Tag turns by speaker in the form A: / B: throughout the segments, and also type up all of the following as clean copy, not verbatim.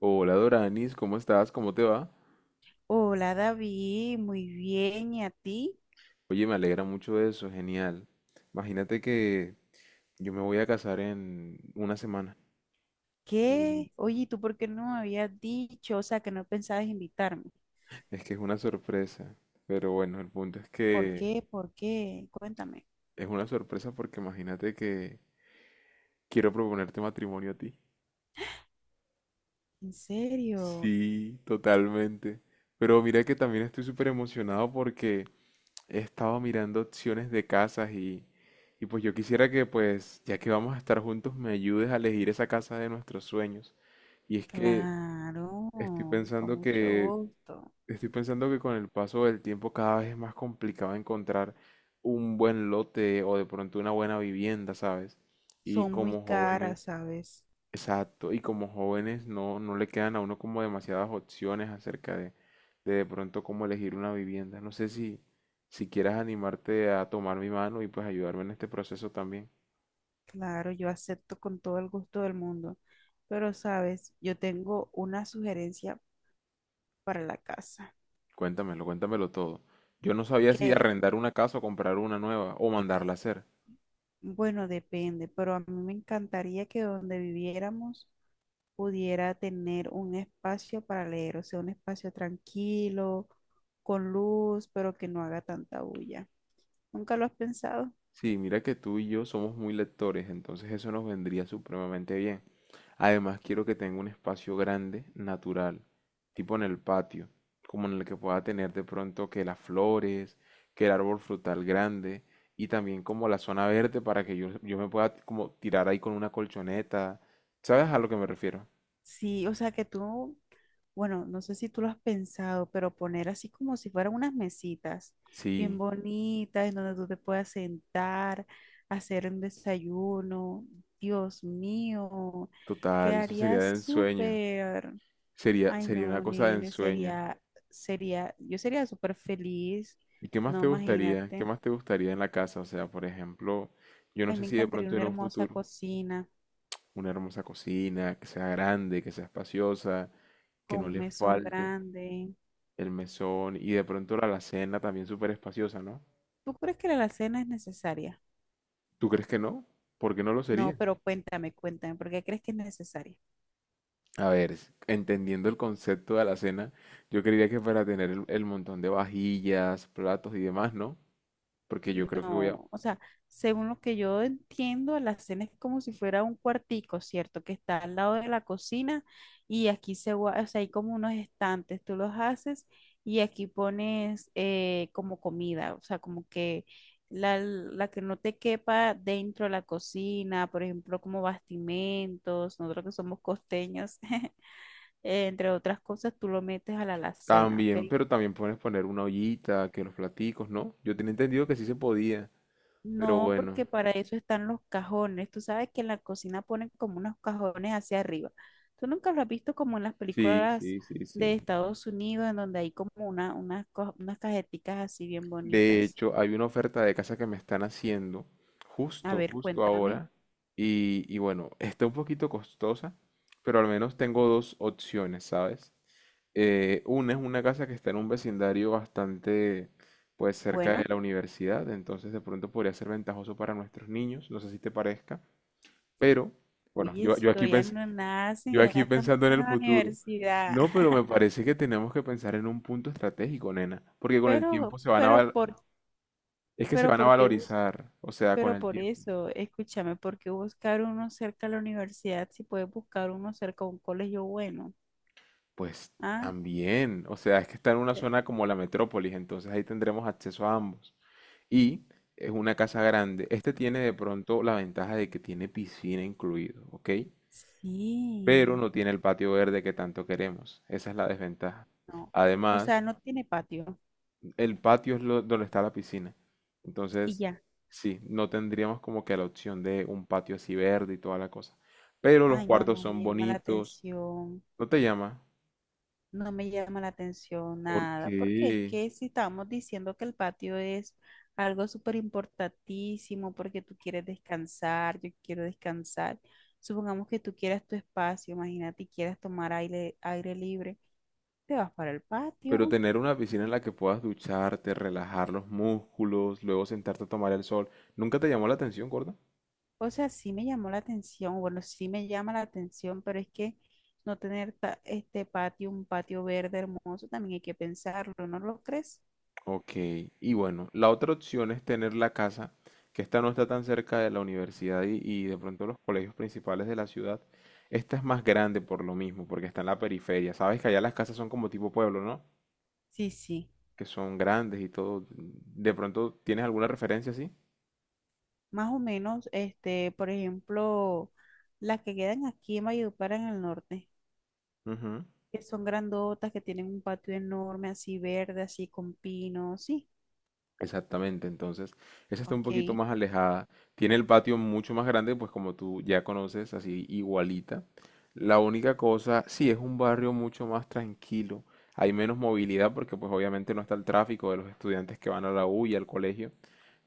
A: Hola Doranis, ¿cómo estás? ¿Cómo te va?
B: Hola David, muy bien. ¿Y a ti?
A: Oye, me alegra mucho eso, genial. Imagínate que yo me voy a casar en una semana. Y
B: ¿Qué? Oye, ¿y tú por qué no me habías dicho? O sea, que no pensabas invitarme.
A: Es que es una sorpresa, pero bueno, el punto es
B: ¿Por
A: que
B: qué? ¿Por qué? Cuéntame.
A: es una sorpresa porque imagínate que quiero proponerte matrimonio a ti.
B: ¿En serio?
A: Sí, totalmente. Pero mira que también estoy súper emocionado porque he estado mirando opciones de casas y pues yo quisiera que pues, ya que vamos a estar juntos, me ayudes a elegir esa casa de nuestros sueños. Y es que
B: Claro,
A: estoy
B: con
A: pensando
B: mucho
A: que,
B: gusto.
A: estoy pensando que con el paso del tiempo cada vez es más complicado encontrar un buen lote o de pronto una buena vivienda, ¿sabes? Y
B: Son muy
A: como
B: caras,
A: jóvenes,
B: ¿sabes?
A: Exacto, y como jóvenes no le quedan a uno como demasiadas opciones acerca de pronto cómo elegir una vivienda. No sé si quieras animarte a tomar mi mano y pues ayudarme en este proceso también.
B: Claro, yo acepto con todo el gusto del mundo. Pero, ¿sabes? Yo tengo una sugerencia para la casa.
A: Cuéntamelo, cuéntamelo todo. Yo no sabía si arrendar una casa o comprar una nueva o mandarla a hacer.
B: Bueno, depende, pero a mí me encantaría que donde viviéramos pudiera tener un espacio para leer, o sea, un espacio tranquilo, con luz, pero que no haga tanta bulla. ¿Nunca lo has pensado?
A: Sí, mira que tú y yo somos muy lectores, entonces eso nos vendría supremamente bien. Además, quiero que tenga un espacio grande, natural, tipo en el patio, como en el que pueda tener de pronto que las flores, que el árbol frutal grande y también como la zona verde para que yo me pueda como tirar ahí con una colchoneta. ¿Sabes a lo que me refiero?
B: Sí, o sea que tú, bueno, no sé si tú lo has pensado, pero poner así como si fueran unas mesitas bien
A: Sí,
B: bonitas en donde tú te puedas sentar, hacer un desayuno. Dios mío,
A: total, eso
B: quedaría
A: sería de ensueño.
B: súper.
A: Sería,
B: Ay,
A: sería una
B: no,
A: cosa de
B: nene,
A: ensueño.
B: sería, sería, yo sería súper feliz.
A: ¿Y qué más
B: No,
A: te gustaría? ¿Qué
B: imagínate.
A: más te gustaría en la casa? O sea, por ejemplo, yo no
B: Ay,
A: sé
B: me
A: si de
B: encantaría
A: pronto
B: una
A: en un
B: hermosa
A: futuro
B: cocina
A: una hermosa cocina, que sea grande, que sea espaciosa, que
B: con
A: no
B: un
A: le
B: mesón
A: falte
B: grande.
A: el mesón y de pronto la alacena también súper espaciosa, ¿no?
B: ¿Tú crees que la alacena es necesaria?
A: ¿Tú crees que no? ¿Por qué no lo
B: No,
A: sería?
B: pero cuéntame, cuéntame, ¿por qué crees que es necesaria?
A: A ver, entendiendo el concepto de alacena, yo creería que para tener el montón de vajillas, platos y demás, ¿no? Porque yo creo que voy a...
B: No, o sea, según lo que yo entiendo, la cena es como si fuera un cuartico, ¿cierto? Que está al lado de la cocina y aquí se, o sea, hay como unos estantes, tú los haces y aquí pones como comida, o sea, como que la que no te quepa dentro de la cocina, por ejemplo, como bastimentos, nosotros que somos costeños, entre otras cosas, tú lo metes a la alacena, ¿ok?
A: También, pero también puedes poner una ollita, que los platicos, ¿no? Yo tenía entendido que sí se podía. Pero
B: No, porque
A: bueno,
B: para eso están los cajones. Tú sabes que en la cocina ponen como unos cajones hacia arriba. Tú nunca lo has visto como en las
A: sí,
B: películas
A: sí, sí,
B: de
A: sí.
B: Estados Unidos, en donde hay como una, unas, unas cajeticas así bien
A: De
B: bonitas.
A: hecho, hay una oferta de casa que me están haciendo
B: A ver,
A: justo
B: cuéntame.
A: ahora. Y bueno, está un poquito costosa, pero al menos tengo dos opciones, ¿sabes? Una es una casa que está en un vecindario bastante, pues, cerca de
B: Bueno,
A: la universidad, entonces de pronto podría ser ventajoso para nuestros niños, no sé si te parezca, pero bueno,
B: oye,
A: yo,
B: si
A: yo aquí
B: todavía no
A: yo
B: nacen, ya
A: aquí
B: están
A: pensando en
B: pasando
A: el
B: a la
A: futuro.
B: universidad.
A: No, pero me parece que tenemos que pensar en un punto estratégico, nena, porque con el tiempo
B: Pero,
A: se van a
B: pero
A: val-
B: por,
A: es que se
B: pero
A: van a
B: por qué bus-
A: valorizar, o sea, con
B: pero
A: el
B: por
A: tiempo.
B: eso, escúchame, ¿por qué buscar uno cerca a la universidad si puedes buscar uno cerca a un colegio bueno?
A: Pues
B: ¿Ah?
A: también, o sea, es que está en una zona como la metrópolis, entonces ahí tendremos acceso a ambos. Y es una casa grande. Este tiene de pronto la ventaja de que tiene piscina incluido, ¿ok? Pero
B: Sí,
A: no tiene el patio verde que tanto queremos. Esa es la desventaja.
B: no. O sea,
A: Además,
B: no tiene patio
A: el patio donde está la piscina.
B: y
A: Entonces,
B: ya.
A: sí, no tendríamos como que la opción de un patio así verde y toda la cosa. Pero los
B: Ay, no,
A: cuartos
B: no me
A: son
B: llama la
A: bonitos.
B: atención.
A: ¿No te llama?
B: No me llama la atención
A: ¿Por
B: nada, porque es
A: qué?
B: que si estamos diciendo que el patio es algo súper importantísimo, porque tú quieres descansar, yo quiero descansar. Supongamos que tú quieras tu espacio, imagínate, y quieras tomar aire, aire libre, te vas para el patio.
A: Pero tener una piscina en la que puedas ducharte, relajar los músculos, luego sentarte a tomar el sol, ¿nunca te llamó la atención, gorda?
B: O sea, sí me llamó la atención, bueno, sí me llama la atención, pero es que no tener este patio, un patio verde hermoso, también hay que pensarlo, ¿no lo crees?
A: Ok, y bueno, la otra opción es tener la casa, que esta no está tan cerca de la universidad y de pronto los colegios principales de la ciudad. Esta es más grande por lo mismo, porque está en la periferia. Sabes que allá las casas son como tipo pueblo, ¿no?
B: Sí, sí,
A: Que son grandes y todo. ¿De pronto tienes alguna referencia así?
B: más o menos, este, por ejemplo, las que quedan aquí en Valledupar en el norte,
A: Ujú.
B: que son grandotas, que tienen un patio enorme, así verde, así con pinos, sí,
A: Exactamente, entonces esa está un poquito
B: ok.
A: más alejada. Tiene el patio mucho más grande, pues como tú ya conoces, así igualita. La única cosa, sí, es un barrio mucho más tranquilo. Hay menos movilidad porque pues obviamente no está el tráfico de los estudiantes que van a la U y al colegio.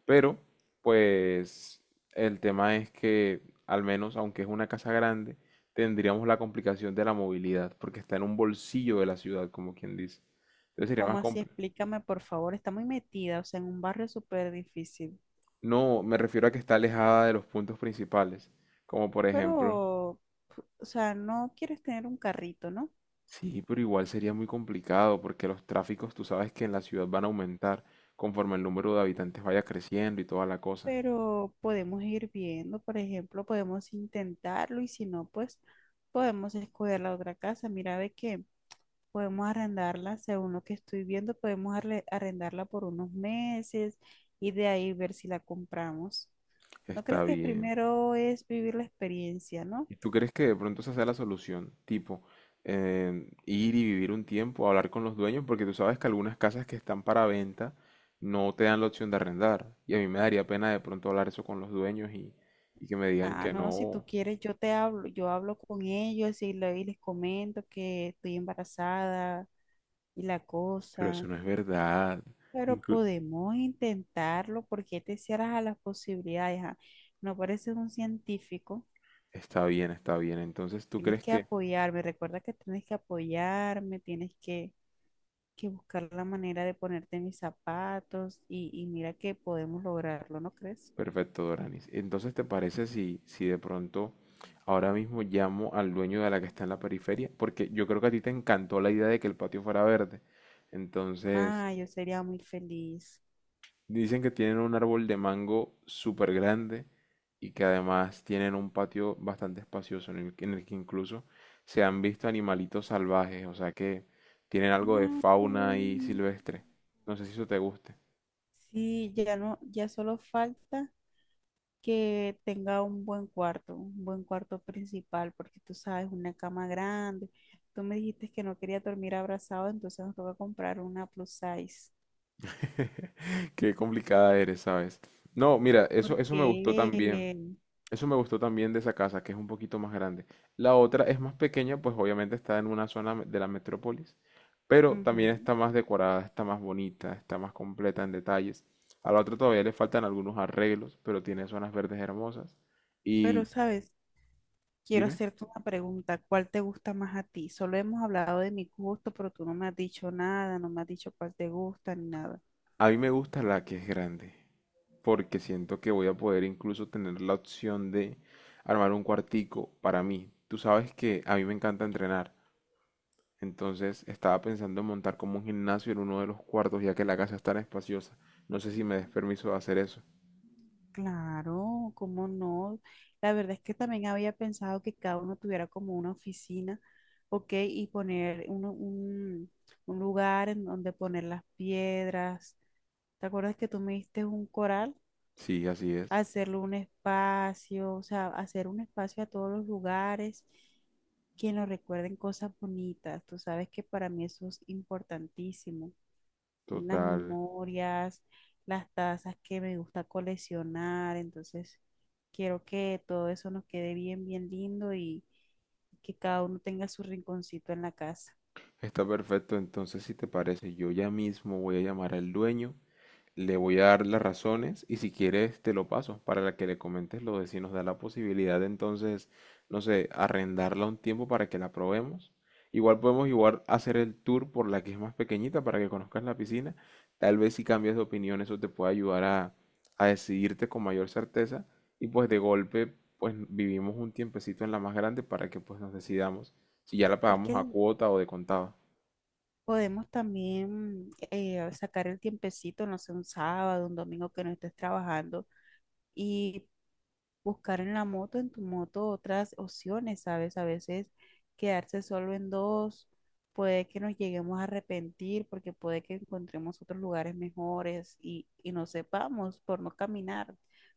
A: Pero pues el tema es que al menos, aunque es una casa grande, tendríamos la complicación de la movilidad porque está en un bolsillo de la ciudad, como quien dice. Entonces sería
B: ¿Cómo
A: más
B: así? Explícame, por favor, está muy metida, o sea, en un barrio súper difícil,
A: No, me refiero a que está alejada de los puntos principales, como por ejemplo,
B: pero, o sea, no quieres tener un carrito, ¿no?
A: sí, pero igual sería muy complicado porque los tráficos, tú sabes que en la ciudad van a aumentar conforme el número de habitantes vaya creciendo y toda la cosa.
B: Pero podemos ir viendo, por ejemplo, podemos intentarlo y si no, pues podemos escoger la otra casa. Mira, ve que podemos arrendarla, según lo que estoy viendo, podemos arrendarla por unos meses y de ahí ver si la compramos. ¿No crees
A: Está
B: que
A: bien.
B: primero es vivir la experiencia, no?
A: ¿Y tú crees que de pronto esa sea la solución? Tipo, ir y vivir un tiempo, hablar con los dueños, porque tú sabes que algunas casas que están para venta no te dan la opción de arrendar. Y a mí me daría pena de pronto hablar eso con los dueños y que me digan
B: Ah,
A: que
B: no, si tú
A: no.
B: quieres, yo te hablo, yo hablo con ellos y, y les comento que estoy embarazada y la
A: Pero eso
B: cosa.
A: no es verdad.
B: Pero
A: Inclu-
B: podemos intentarlo porque te cierras a las posibilidades. ¿Ah? No pareces un científico.
A: está bien, está bien. Entonces, ¿tú
B: Tienes
A: crees
B: que
A: que...
B: apoyarme. Recuerda que tienes que apoyarme, tienes que buscar la manera de ponerte en mis zapatos y mira que podemos lograrlo, ¿no crees?
A: Perfecto, Doranis. Entonces, ¿te parece si de pronto ahora mismo llamo al dueño de la que está en la periferia? Porque yo creo que a ti te encantó la idea de que el patio fuera verde. Entonces,
B: Ah, yo sería muy feliz.
A: dicen que tienen un árbol de mango súper grande y que además tienen un patio bastante espacioso en en el que incluso se han visto animalitos salvajes, o sea que tienen algo de
B: Ay, qué
A: fauna ahí
B: lindo.
A: silvestre. No sé si eso te guste.
B: Sí, ya no, ya solo falta que tenga un buen cuarto principal, porque tú sabes, una cama grande. Tú me dijiste que no quería dormir abrazado, entonces nos toca comprar una plus size.
A: Qué complicada eres, ¿sabes? No, mira, eso
B: Porque,
A: me gustó también. Eso me gustó también de esa casa, que es un poquito más grande. La otra es más pequeña, pues obviamente está en una zona de la metrópolis, pero también
B: ujú.
A: está más decorada, está más bonita, está más completa en detalles. A la otra todavía le faltan algunos arreglos, pero tiene zonas verdes hermosas.
B: Pero,
A: Y
B: ¿sabes? Quiero
A: dime.
B: hacerte una pregunta. ¿Cuál te gusta más a ti? Solo hemos hablado de mi gusto, pero tú no me has dicho nada, no me has dicho cuál te gusta ni nada.
A: A mí me gusta la que es grande, porque siento que voy a poder incluso tener la opción de armar un cuartico para mí. Tú sabes que a mí me encanta entrenar, entonces estaba pensando en montar como un gimnasio en uno de los cuartos, ya que la casa es tan espaciosa. No sé si me des permiso de hacer eso.
B: Claro, cómo no. La verdad es que también había pensado que cada uno tuviera como una oficina, ok, y poner un lugar en donde poner las piedras. ¿Te acuerdas que tú me diste un coral?
A: Sí, así es.
B: Hacerle un espacio, o sea, hacer un espacio a todos los lugares que nos recuerden cosas bonitas. Tú sabes que para mí eso es importantísimo, las
A: Total.
B: memorias, las tazas que me gusta coleccionar, entonces quiero que todo eso nos quede bien, bien lindo y que cada uno tenga su rinconcito en la casa.
A: Está perfecto. Entonces, si te parece, yo ya mismo voy a llamar al dueño. Le voy a dar las razones y si quieres te lo paso para que le comentes lo de si nos da la posibilidad de entonces, no sé, arrendarla un tiempo para que la probemos. Igual podemos igual hacer el tour por la que es más pequeñita para que conozcas la piscina. Tal vez si cambias de opinión eso te puede ayudar a decidirte con mayor certeza y pues de golpe pues vivimos un tiempecito en la más grande para que pues nos decidamos si ya la
B: Es que
A: pagamos a cuota o de contado.
B: podemos también sacar el tiempecito, no sé, un sábado, un domingo que no estés trabajando y buscar en la moto, en tu moto, otras opciones, ¿sabes? A veces quedarse solo en dos, puede que nos lleguemos a arrepentir porque puede que encontremos otros lugares mejores y no sepamos por no caminar.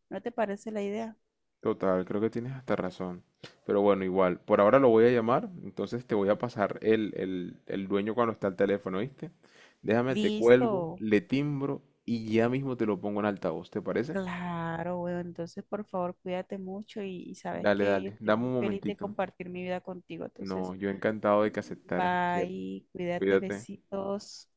B: ¿No te parece la idea?
A: Total, creo que tienes hasta razón. Pero bueno, igual, por ahora lo voy a llamar, entonces te voy a pasar el dueño cuando está al teléfono, ¿viste? Déjame, te cuelgo,
B: Listo.
A: le timbro y ya mismo te lo pongo en altavoz, ¿te parece?
B: Claro, bueno, entonces por favor cuídate mucho y sabes
A: Dale,
B: que yo
A: dale,
B: estoy
A: dame
B: muy
A: un
B: feliz de
A: momentito.
B: compartir mi vida contigo.
A: No,
B: Entonces,
A: yo encantado de que aceptaras.
B: bye, cuídate,
A: Cuídate.
B: besitos.